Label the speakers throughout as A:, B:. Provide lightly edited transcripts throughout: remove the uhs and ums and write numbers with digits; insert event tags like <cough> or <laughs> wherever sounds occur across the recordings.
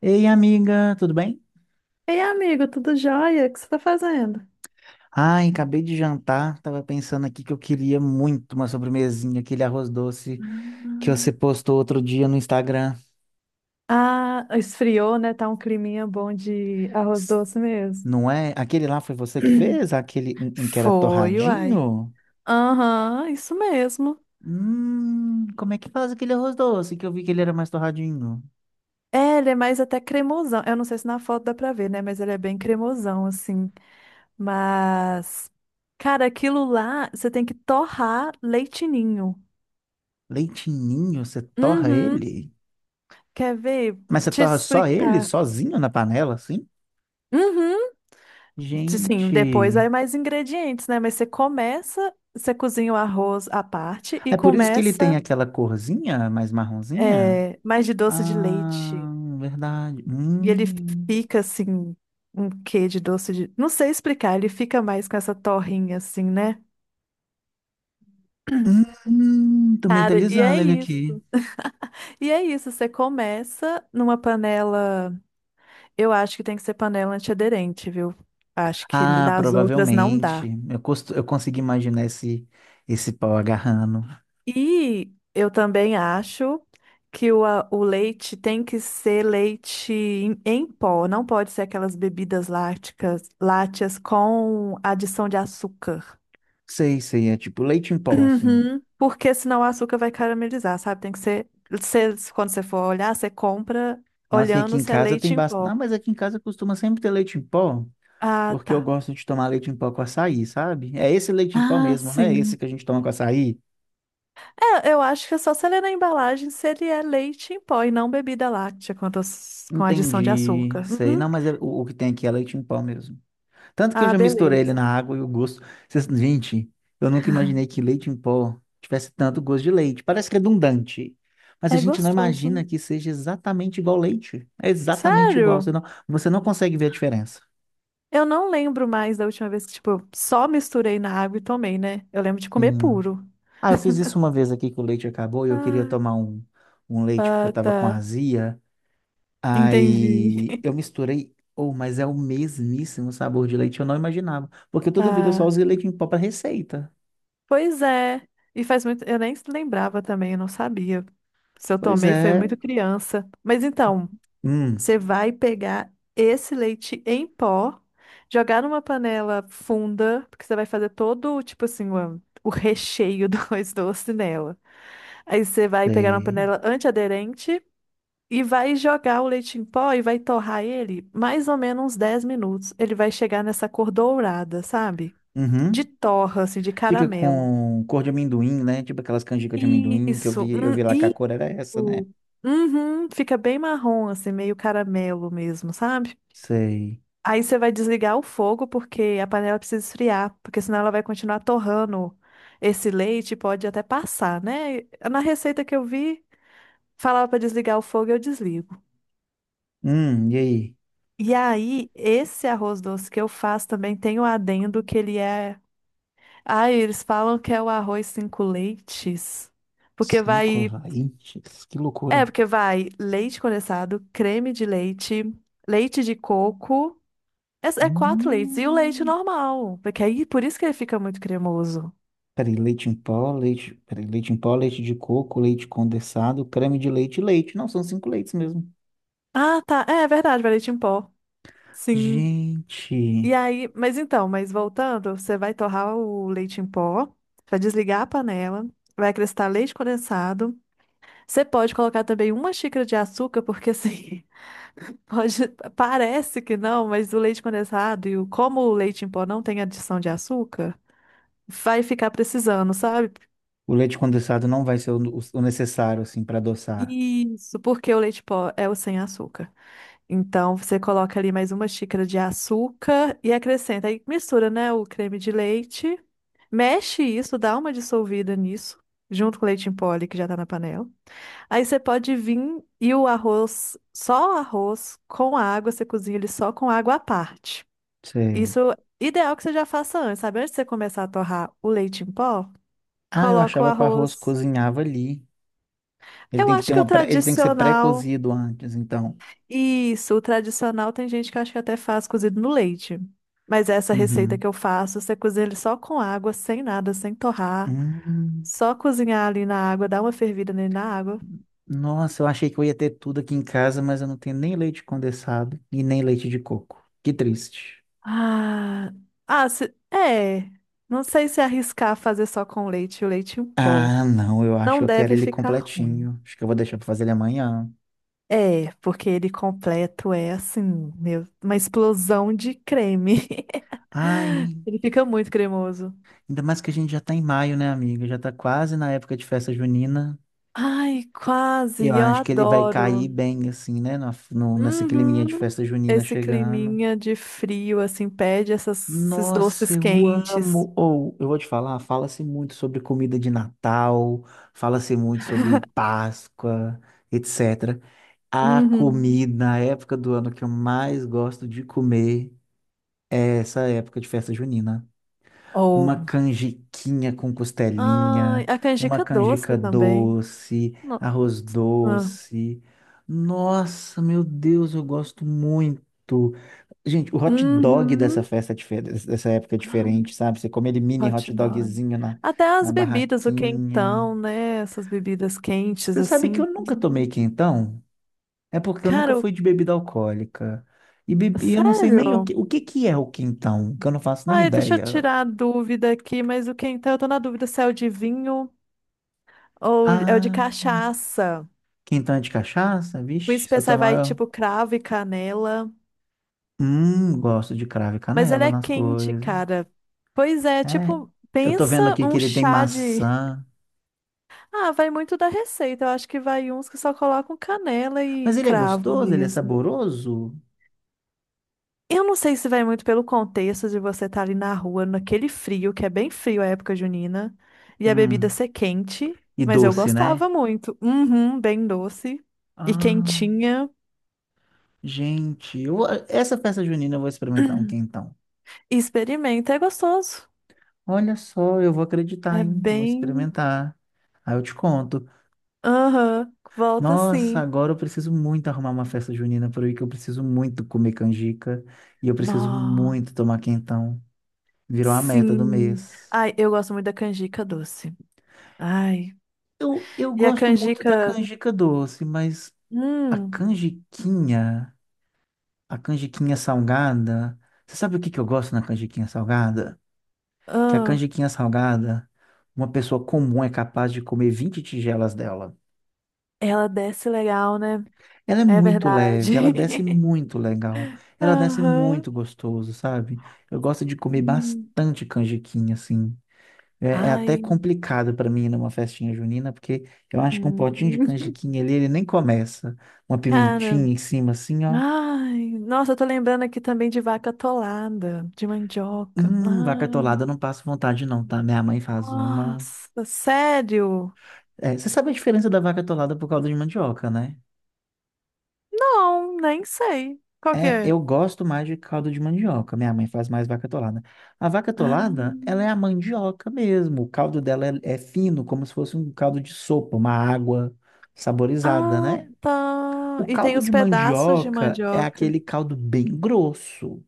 A: Ei, amiga, tudo bem?
B: Ei, amigo, tudo jóia? O que você tá fazendo?
A: Ai, acabei de jantar, tava pensando aqui que eu queria muito uma sobremesinha, aquele arroz doce que você postou outro dia no Instagram.
B: Ah, esfriou, né? Tá um climinha bom de arroz
A: S-
B: doce mesmo.
A: Não é? Aquele lá foi você que
B: <clears throat>
A: fez? Aquele um que era
B: Foi, uai.
A: torradinho?
B: Aham, isso mesmo.
A: Como é que faz aquele arroz doce que eu vi que ele era mais torradinho?
B: É, ele é mais até cremosão. Eu não sei se na foto dá pra ver, né? Mas ele é bem cremosão, assim. Mas, cara, aquilo lá, você tem que torrar leitinho.
A: Leitinho, você torra
B: Uhum.
A: ele?
B: Quer ver?
A: Mas você
B: Te
A: torra só ele,
B: explicar.
A: sozinho na panela, assim?
B: Uhum. Sim, depois
A: Gente,
B: vai mais ingredientes, né? Mas você começa, você cozinha o arroz à parte e
A: é por isso que ele
B: começa
A: tem aquela corzinha mais marronzinha?
B: é, mais de doce de
A: Ah,
B: leite.
A: verdade.
B: E ele
A: Hum.
B: fica assim, um quê de doce de. Não sei explicar, ele fica mais com essa torrinha assim, né?
A: Tô
B: Cara, e é
A: mentalizando ele aqui.
B: isso. E é isso, você começa numa panela. Eu acho que tem que ser panela antiaderente, viu? Acho que
A: Ah,
B: das outras não
A: provavelmente.
B: dá.
A: Eu consegui imaginar esse pau agarrando.
B: E eu também acho que o leite tem que ser leite em pó, não pode ser aquelas bebidas lácteas com adição de açúcar.
A: Sei, sei, é tipo leite em pó, assim.
B: Uhum. Porque senão o açúcar vai caramelizar, sabe? Tem que ser, quando você for olhar, você compra
A: Nossa, e aqui
B: olhando
A: em
B: se é
A: casa tem
B: leite em
A: bastante. Não,
B: pó.
A: mas aqui em casa costuma sempre ter leite em pó,
B: Ah,
A: porque eu
B: tá.
A: gosto de tomar leite em pó com açaí, sabe? É esse leite em pó
B: Ah,
A: mesmo, né? Esse
B: sim.
A: que a gente toma com açaí.
B: É, eu acho que é só você ler na embalagem se ele é leite em pó e não bebida láctea com adição de
A: Entendi.
B: açúcar.
A: Sei.
B: Uhum.
A: Não, mas o que tem aqui é leite em pó mesmo. Tanto que eu
B: Ah,
A: já misturei ele
B: beleza.
A: na água e o gosto. Gente, eu nunca imaginei que leite em pó tivesse tanto gosto de leite. Parece redundante, mas a
B: É
A: gente não
B: gostoso.
A: imagina que seja exatamente igual leite. É exatamente igual. Você
B: Sério?
A: não, você não consegue ver a diferença.
B: Eu não lembro mais da última vez que, tipo, eu só misturei na água e tomei, né? Eu lembro de comer
A: Sim.
B: puro.
A: Ah, eu fiz isso uma vez aqui que o leite acabou e eu queria
B: Ah,
A: tomar um leite porque eu
B: ah,
A: tava com
B: tá.
A: azia.
B: Entendi.
A: Aí eu misturei. Oh, mas é o mesmíssimo sabor de leite, eu não imaginava. Porque toda vida eu só
B: Ah,
A: usei leite em pó para receita.
B: pois é. E faz muito. Eu nem se lembrava também, eu não sabia. Se eu
A: Pois
B: tomei, foi
A: é.
B: muito criança. Mas então.
A: Hum,
B: Você vai pegar esse leite em pó, jogar numa panela funda, porque você vai fazer todo, tipo assim, o recheio do <laughs> arroz doce nela. Aí você vai pegar uma
A: sei.
B: panela antiaderente e vai jogar o leite em pó e vai torrar ele mais ou menos uns 10 minutos. Ele vai chegar nessa cor dourada, sabe? De
A: Uhum.
B: torra, assim, de
A: Fica
B: caramelo.
A: com cor de amendoim, né? Tipo aquelas canjicas de amendoim que eu
B: Isso,
A: vi, eu vi lá que a
B: isso.
A: cor era essa, né?
B: Uhum, fica bem marrom, assim, meio caramelo mesmo, sabe?
A: Sei.
B: Aí você vai desligar o fogo porque a panela precisa esfriar, porque senão ela vai continuar torrando esse leite, e pode até passar, né? Na receita que eu vi, falava para desligar o fogo, eu desligo.
A: E aí?
B: E aí, esse arroz doce que eu faço também tem o adendo que ele é, ah, eles falam que é o arroz cinco leites, porque
A: Cinco,
B: vai,
A: vai. Que
B: é,
A: loucura.
B: porque vai leite condensado, creme de leite, leite de coco, é quatro leites e o leite
A: Hum.
B: normal, porque aí por isso que ele fica muito cremoso.
A: Peraí, leite em pó, leite. Peraí, leite em pó, leite de coco, leite condensado, creme de leite e leite. Não, são cinco leites mesmo.
B: Ah, tá. É verdade, vai leite em pó. Sim. E
A: Gente,
B: aí, mas então, mas voltando, você vai torrar o leite em pó, vai desligar a panela, vai acrescentar leite condensado. Você pode colocar também uma xícara de açúcar, porque assim, <laughs> pode, parece que não, mas o leite condensado e como o leite em pó não tem adição de açúcar, vai ficar precisando, sabe?
A: o leite condensado não vai ser o necessário, assim, para adoçar.
B: Isso, porque o leite em pó é o sem açúcar. Então, você coloca ali mais uma xícara de açúcar e acrescenta. Aí mistura, né, o creme de leite. Mexe isso, dá uma dissolvida nisso, junto com o leite em pó ali que já tá na panela. Aí você pode vir e o arroz, só o arroz com água, você cozinha ele só com água à parte.
A: Sei.
B: Isso é ideal que você já faça antes, sabe? Antes de você começar a torrar o leite em pó,
A: Ah, eu
B: coloca o
A: achava que o arroz
B: arroz.
A: cozinhava ali. Ele
B: Eu
A: tem que
B: acho
A: ter
B: que o
A: ele tem que ser
B: tradicional.
A: pré-cozido antes, então.
B: Isso, o tradicional tem gente que acha que até faz cozido no leite. Mas essa receita
A: Uhum.
B: que eu faço, você cozinha ele só com água, sem nada, sem torrar.
A: Hum.
B: Só cozinhar ali na água, dar uma fervida nele na água.
A: Nossa, eu achei que eu ia ter tudo aqui em casa, mas eu não tenho nem leite condensado e nem leite de coco. Que triste.
B: Ah, é. Não sei se arriscar fazer só com leite, o leite em pó.
A: Ah, não, eu acho
B: Não
A: que eu quero
B: deve
A: ele
B: ficar ruim.
A: completinho. Acho que eu vou deixar pra fazer ele amanhã.
B: É, porque ele completo é assim, meu, uma explosão de creme. <laughs>
A: Ai,
B: Ele fica muito cremoso.
A: ainda mais que a gente já tá em maio, né, amiga? Já tá quase na época de festa junina.
B: Ai, quase,
A: Eu
B: eu
A: acho que ele vai
B: adoro.
A: cair bem, assim, né? na- No, nessa climinha
B: Uhum.
A: de festa junina
B: Esse
A: chegando.
B: climinha de frio, assim, pede esses
A: Nossa,
B: doces
A: eu
B: quentes.
A: amo. Ou eu vou te falar, fala-se muito sobre comida de Natal, fala-se muito sobre Páscoa, etc. A
B: Uhum.
A: comida, a época do ano que eu mais gosto de comer é essa época de festa junina.
B: Ou.
A: Uma canjiquinha com
B: Ai,
A: costelinha,
B: a
A: uma
B: canjica doce
A: canjica
B: também.
A: doce,
B: No-
A: arroz
B: ah.
A: doce. Nossa, meu Deus, eu gosto muito. Gente, o hot dog dessa
B: Uhum.
A: festa, dessa época é diferente, sabe? Você come ele mini
B: Hot
A: hot
B: dog.
A: dogzinho na,
B: Até
A: na
B: as bebidas, o
A: barraquinha.
B: quentão, né? Essas bebidas quentes,
A: Você sabe que
B: assim.
A: eu nunca tomei
B: Uhum.
A: quentão? É porque eu
B: Cara,
A: nunca fui de bebida alcoólica. E eu não sei nem o
B: sério?
A: que, o que que é o quentão, que eu não faço nem
B: Ai, deixa eu
A: ideia.
B: tirar a dúvida aqui, mas o quentão, eu tô na dúvida se é o de vinho ou é o de
A: Ah,
B: cachaça.
A: quentão é de cachaça?
B: O
A: Vixe, se eu
B: especial vai
A: tomar...
B: tipo cravo e canela,
A: Gosto de cravo e
B: mas ele
A: canela
B: é
A: nas
B: quente,
A: coisas.
B: cara. Pois é,
A: É,
B: tipo,
A: eu tô
B: pensa
A: vendo aqui que
B: um
A: ele tem
B: chá de.
A: maçã.
B: Ah, vai muito da receita. Eu acho que vai uns que só colocam canela e
A: Mas ele é
B: cravo
A: gostoso, ele é
B: mesmo.
A: saboroso.
B: Eu não sei se vai muito pelo contexto de você estar ali na rua, naquele frio, que é bem frio a época junina, e a bebida
A: Hum,
B: ser quente,
A: e
B: mas eu
A: doce, né?
B: gostava muito. Uhum, bem doce e
A: Ah,
B: quentinha.
A: gente, eu essa festa junina eu vou experimentar um
B: <clears throat>
A: quentão.
B: Experimenta, é gostoso.
A: Olha só, eu vou acreditar,
B: É
A: hein? Vou
B: bem.
A: experimentar. Aí eu te conto.
B: Aham, volta
A: Nossa,
B: sim.
A: agora eu preciso muito arrumar uma festa junina por aí, que eu preciso muito comer canjica e eu preciso
B: Nó,
A: muito tomar quentão. Virou a meta do
B: sim.
A: mês.
B: Ai, eu gosto muito da canjica doce. Ai.
A: Eu
B: E a
A: gosto muito da
B: canjica,
A: canjica doce, mas a
B: hum,
A: canjiquinha, a canjiquinha salgada, você sabe o que que eu gosto na canjiquinha salgada? Que a
B: ah,
A: canjiquinha salgada, uma pessoa comum é capaz de comer 20 tigelas dela.
B: ela desce legal, né?
A: Ela é
B: É
A: muito
B: verdade.
A: leve, ela desce muito legal,
B: <laughs>
A: ela desce
B: Aham.
A: muito gostoso, sabe? Eu gosto de comer
B: Hum.
A: bastante canjiquinha, assim. É até
B: Ai.
A: complicado para mim ir numa festinha junina, porque eu acho que um
B: Hum.
A: potinho de
B: <laughs>
A: canjiquinha ali, ele nem começa. Uma
B: Cara,
A: pimentinha em cima, assim, ó.
B: ai, nossa, eu tô lembrando aqui também de vaca atolada, de mandioca.
A: Vaca
B: Ai,
A: atolada, eu não passo vontade não, tá? Minha mãe faz uma...
B: nossa, sério?
A: É, você sabe a diferença da vaca atolada por calda de mandioca, né?
B: Não, nem sei. Qual que
A: É,
B: é?
A: eu gosto mais de caldo de mandioca. Minha mãe faz mais vaca atolada. A vaca atolada, ela
B: Ah,
A: é a mandioca mesmo. O caldo dela é fino, como se fosse um caldo de sopa, uma água saborizada,
B: ah,
A: né?
B: tá.
A: O
B: E tem
A: caldo
B: os
A: de
B: pedaços de
A: mandioca é
B: mandioca.
A: aquele caldo bem grosso,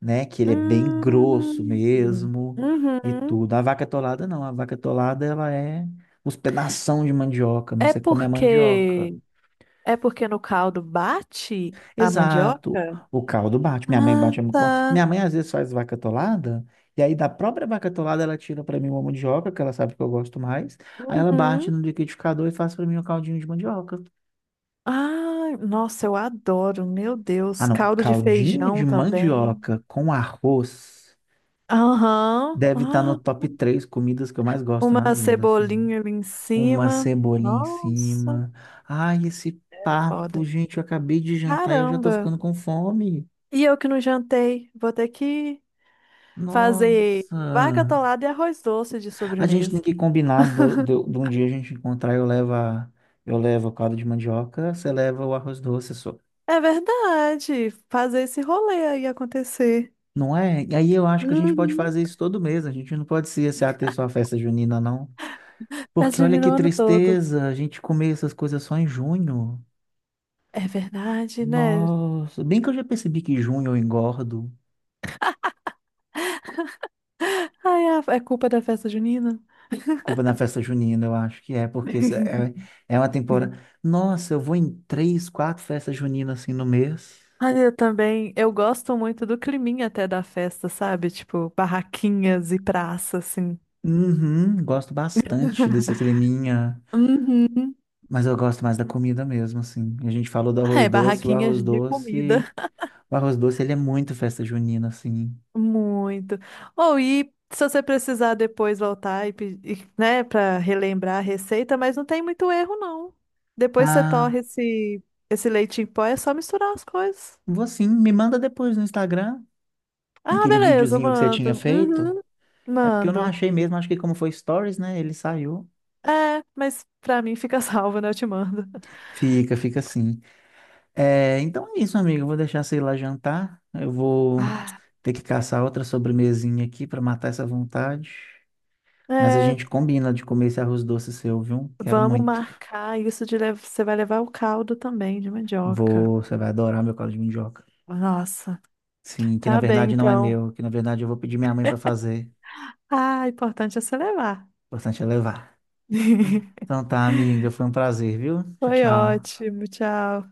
A: né? Que ele é bem grosso
B: Hum,
A: mesmo e
B: uhum.
A: tudo. A vaca atolada não. A vaca atolada, ela é os pedação de mandioca mesmo.
B: É
A: Você come a mandioca.
B: porque é porque no caldo bate a
A: Exato.
B: mandioca?
A: O caldo bate. Minha mãe
B: Ah,
A: bate. Minha
B: tá.
A: mãe às vezes faz vaca atolada, e aí da própria vaca atolada ela tira para mim uma mandioca, que ela sabe que eu gosto mais. Aí ela
B: Uhum.
A: bate no liquidificador e faz para mim um caldinho de mandioca.
B: Ah, nossa, eu adoro. Meu
A: Ah,
B: Deus,
A: não.
B: caldo de
A: Caldinho de
B: feijão também.
A: mandioca com arroz
B: Aham.
A: deve estar no
B: Ah,
A: top três comidas que eu mais gosto na
B: uma
A: vida, assim.
B: cebolinha ali em
A: Uma
B: cima.
A: cebolinha em
B: Nossa,
A: cima. Ai, esse papo,
B: foda.
A: gente, eu acabei de jantar e eu já tô
B: Caramba.
A: ficando com fome.
B: E eu que não jantei, vou ter que fazer vaca
A: Nossa.
B: atolada e arroz doce de
A: A gente tem
B: sobremesa.
A: que combinar
B: <laughs>
A: de um dia a gente encontrar, eu levo o caldo de mandioca, você leva o arroz doce só.
B: É verdade, fazer esse rolê aí acontecer.
A: Não é? E aí eu acho que a gente
B: Uhum.
A: pode fazer isso todo mês, a gente não pode se ater só à festa junina, não.
B: Festa
A: Porque olha
B: junina
A: que
B: o ano todo.
A: tristeza, a gente comer essas coisas só em junho.
B: É verdade, né?
A: Nossa, bem que eu já percebi que junho eu engordo.
B: Ai, é culpa da festa junina.
A: Culpa da festa junina, eu acho que é, porque isso é,
B: <laughs>
A: é uma temporada. Nossa, eu vou em três, quatro festas juninas assim no mês.
B: Ai, eu também, eu gosto muito do climinha até da festa, sabe? Tipo, barraquinhas e praça, assim.
A: Uhum, gosto bastante desse creminha,
B: Uhum.
A: mas eu gosto mais da comida mesmo, assim. A gente falou do
B: Ah,
A: arroz
B: é,
A: doce, o
B: barraquinhas
A: arroz
B: de
A: doce,
B: comida.
A: o arroz doce ele é muito festa junina, assim.
B: Muito. Ou e se você precisar depois voltar e, né, para relembrar a receita, mas não tem muito erro, não. Depois você
A: Ah,
B: torre esse leite em pó, é só misturar as coisas.
A: vou sim, me manda depois no Instagram
B: Ah,
A: aquele
B: beleza,
A: videozinho que você tinha
B: mando.
A: feito.
B: Uhum,
A: É porque eu não
B: mando.
A: achei mesmo, acho que como foi stories, né? Ele saiu.
B: É, mas pra mim fica <laughs> salvo, né? Eu te mando.
A: Fica, fica assim. É, então é isso, amigo. Eu vou deixar você ir lá jantar. Eu vou
B: Ah,
A: ter que caçar outra sobremesinha aqui para matar essa vontade. Mas a
B: é,
A: gente combina de comer esse arroz doce seu, viu? Quero
B: vamos
A: muito.
B: marcar isso de você vai levar o caldo também de mandioca.
A: Vou, você vai adorar meu caldo de mandioca.
B: Nossa,
A: Sim, que na
B: tá bem
A: verdade não é
B: então.
A: meu, que na verdade eu vou pedir minha mãe para fazer.
B: Ah, importante é você levar.
A: O importante é levar.
B: <laughs>
A: Então tá, amiga, foi um prazer, viu? Tchau,
B: Foi
A: tchau.
B: ótimo, tchau.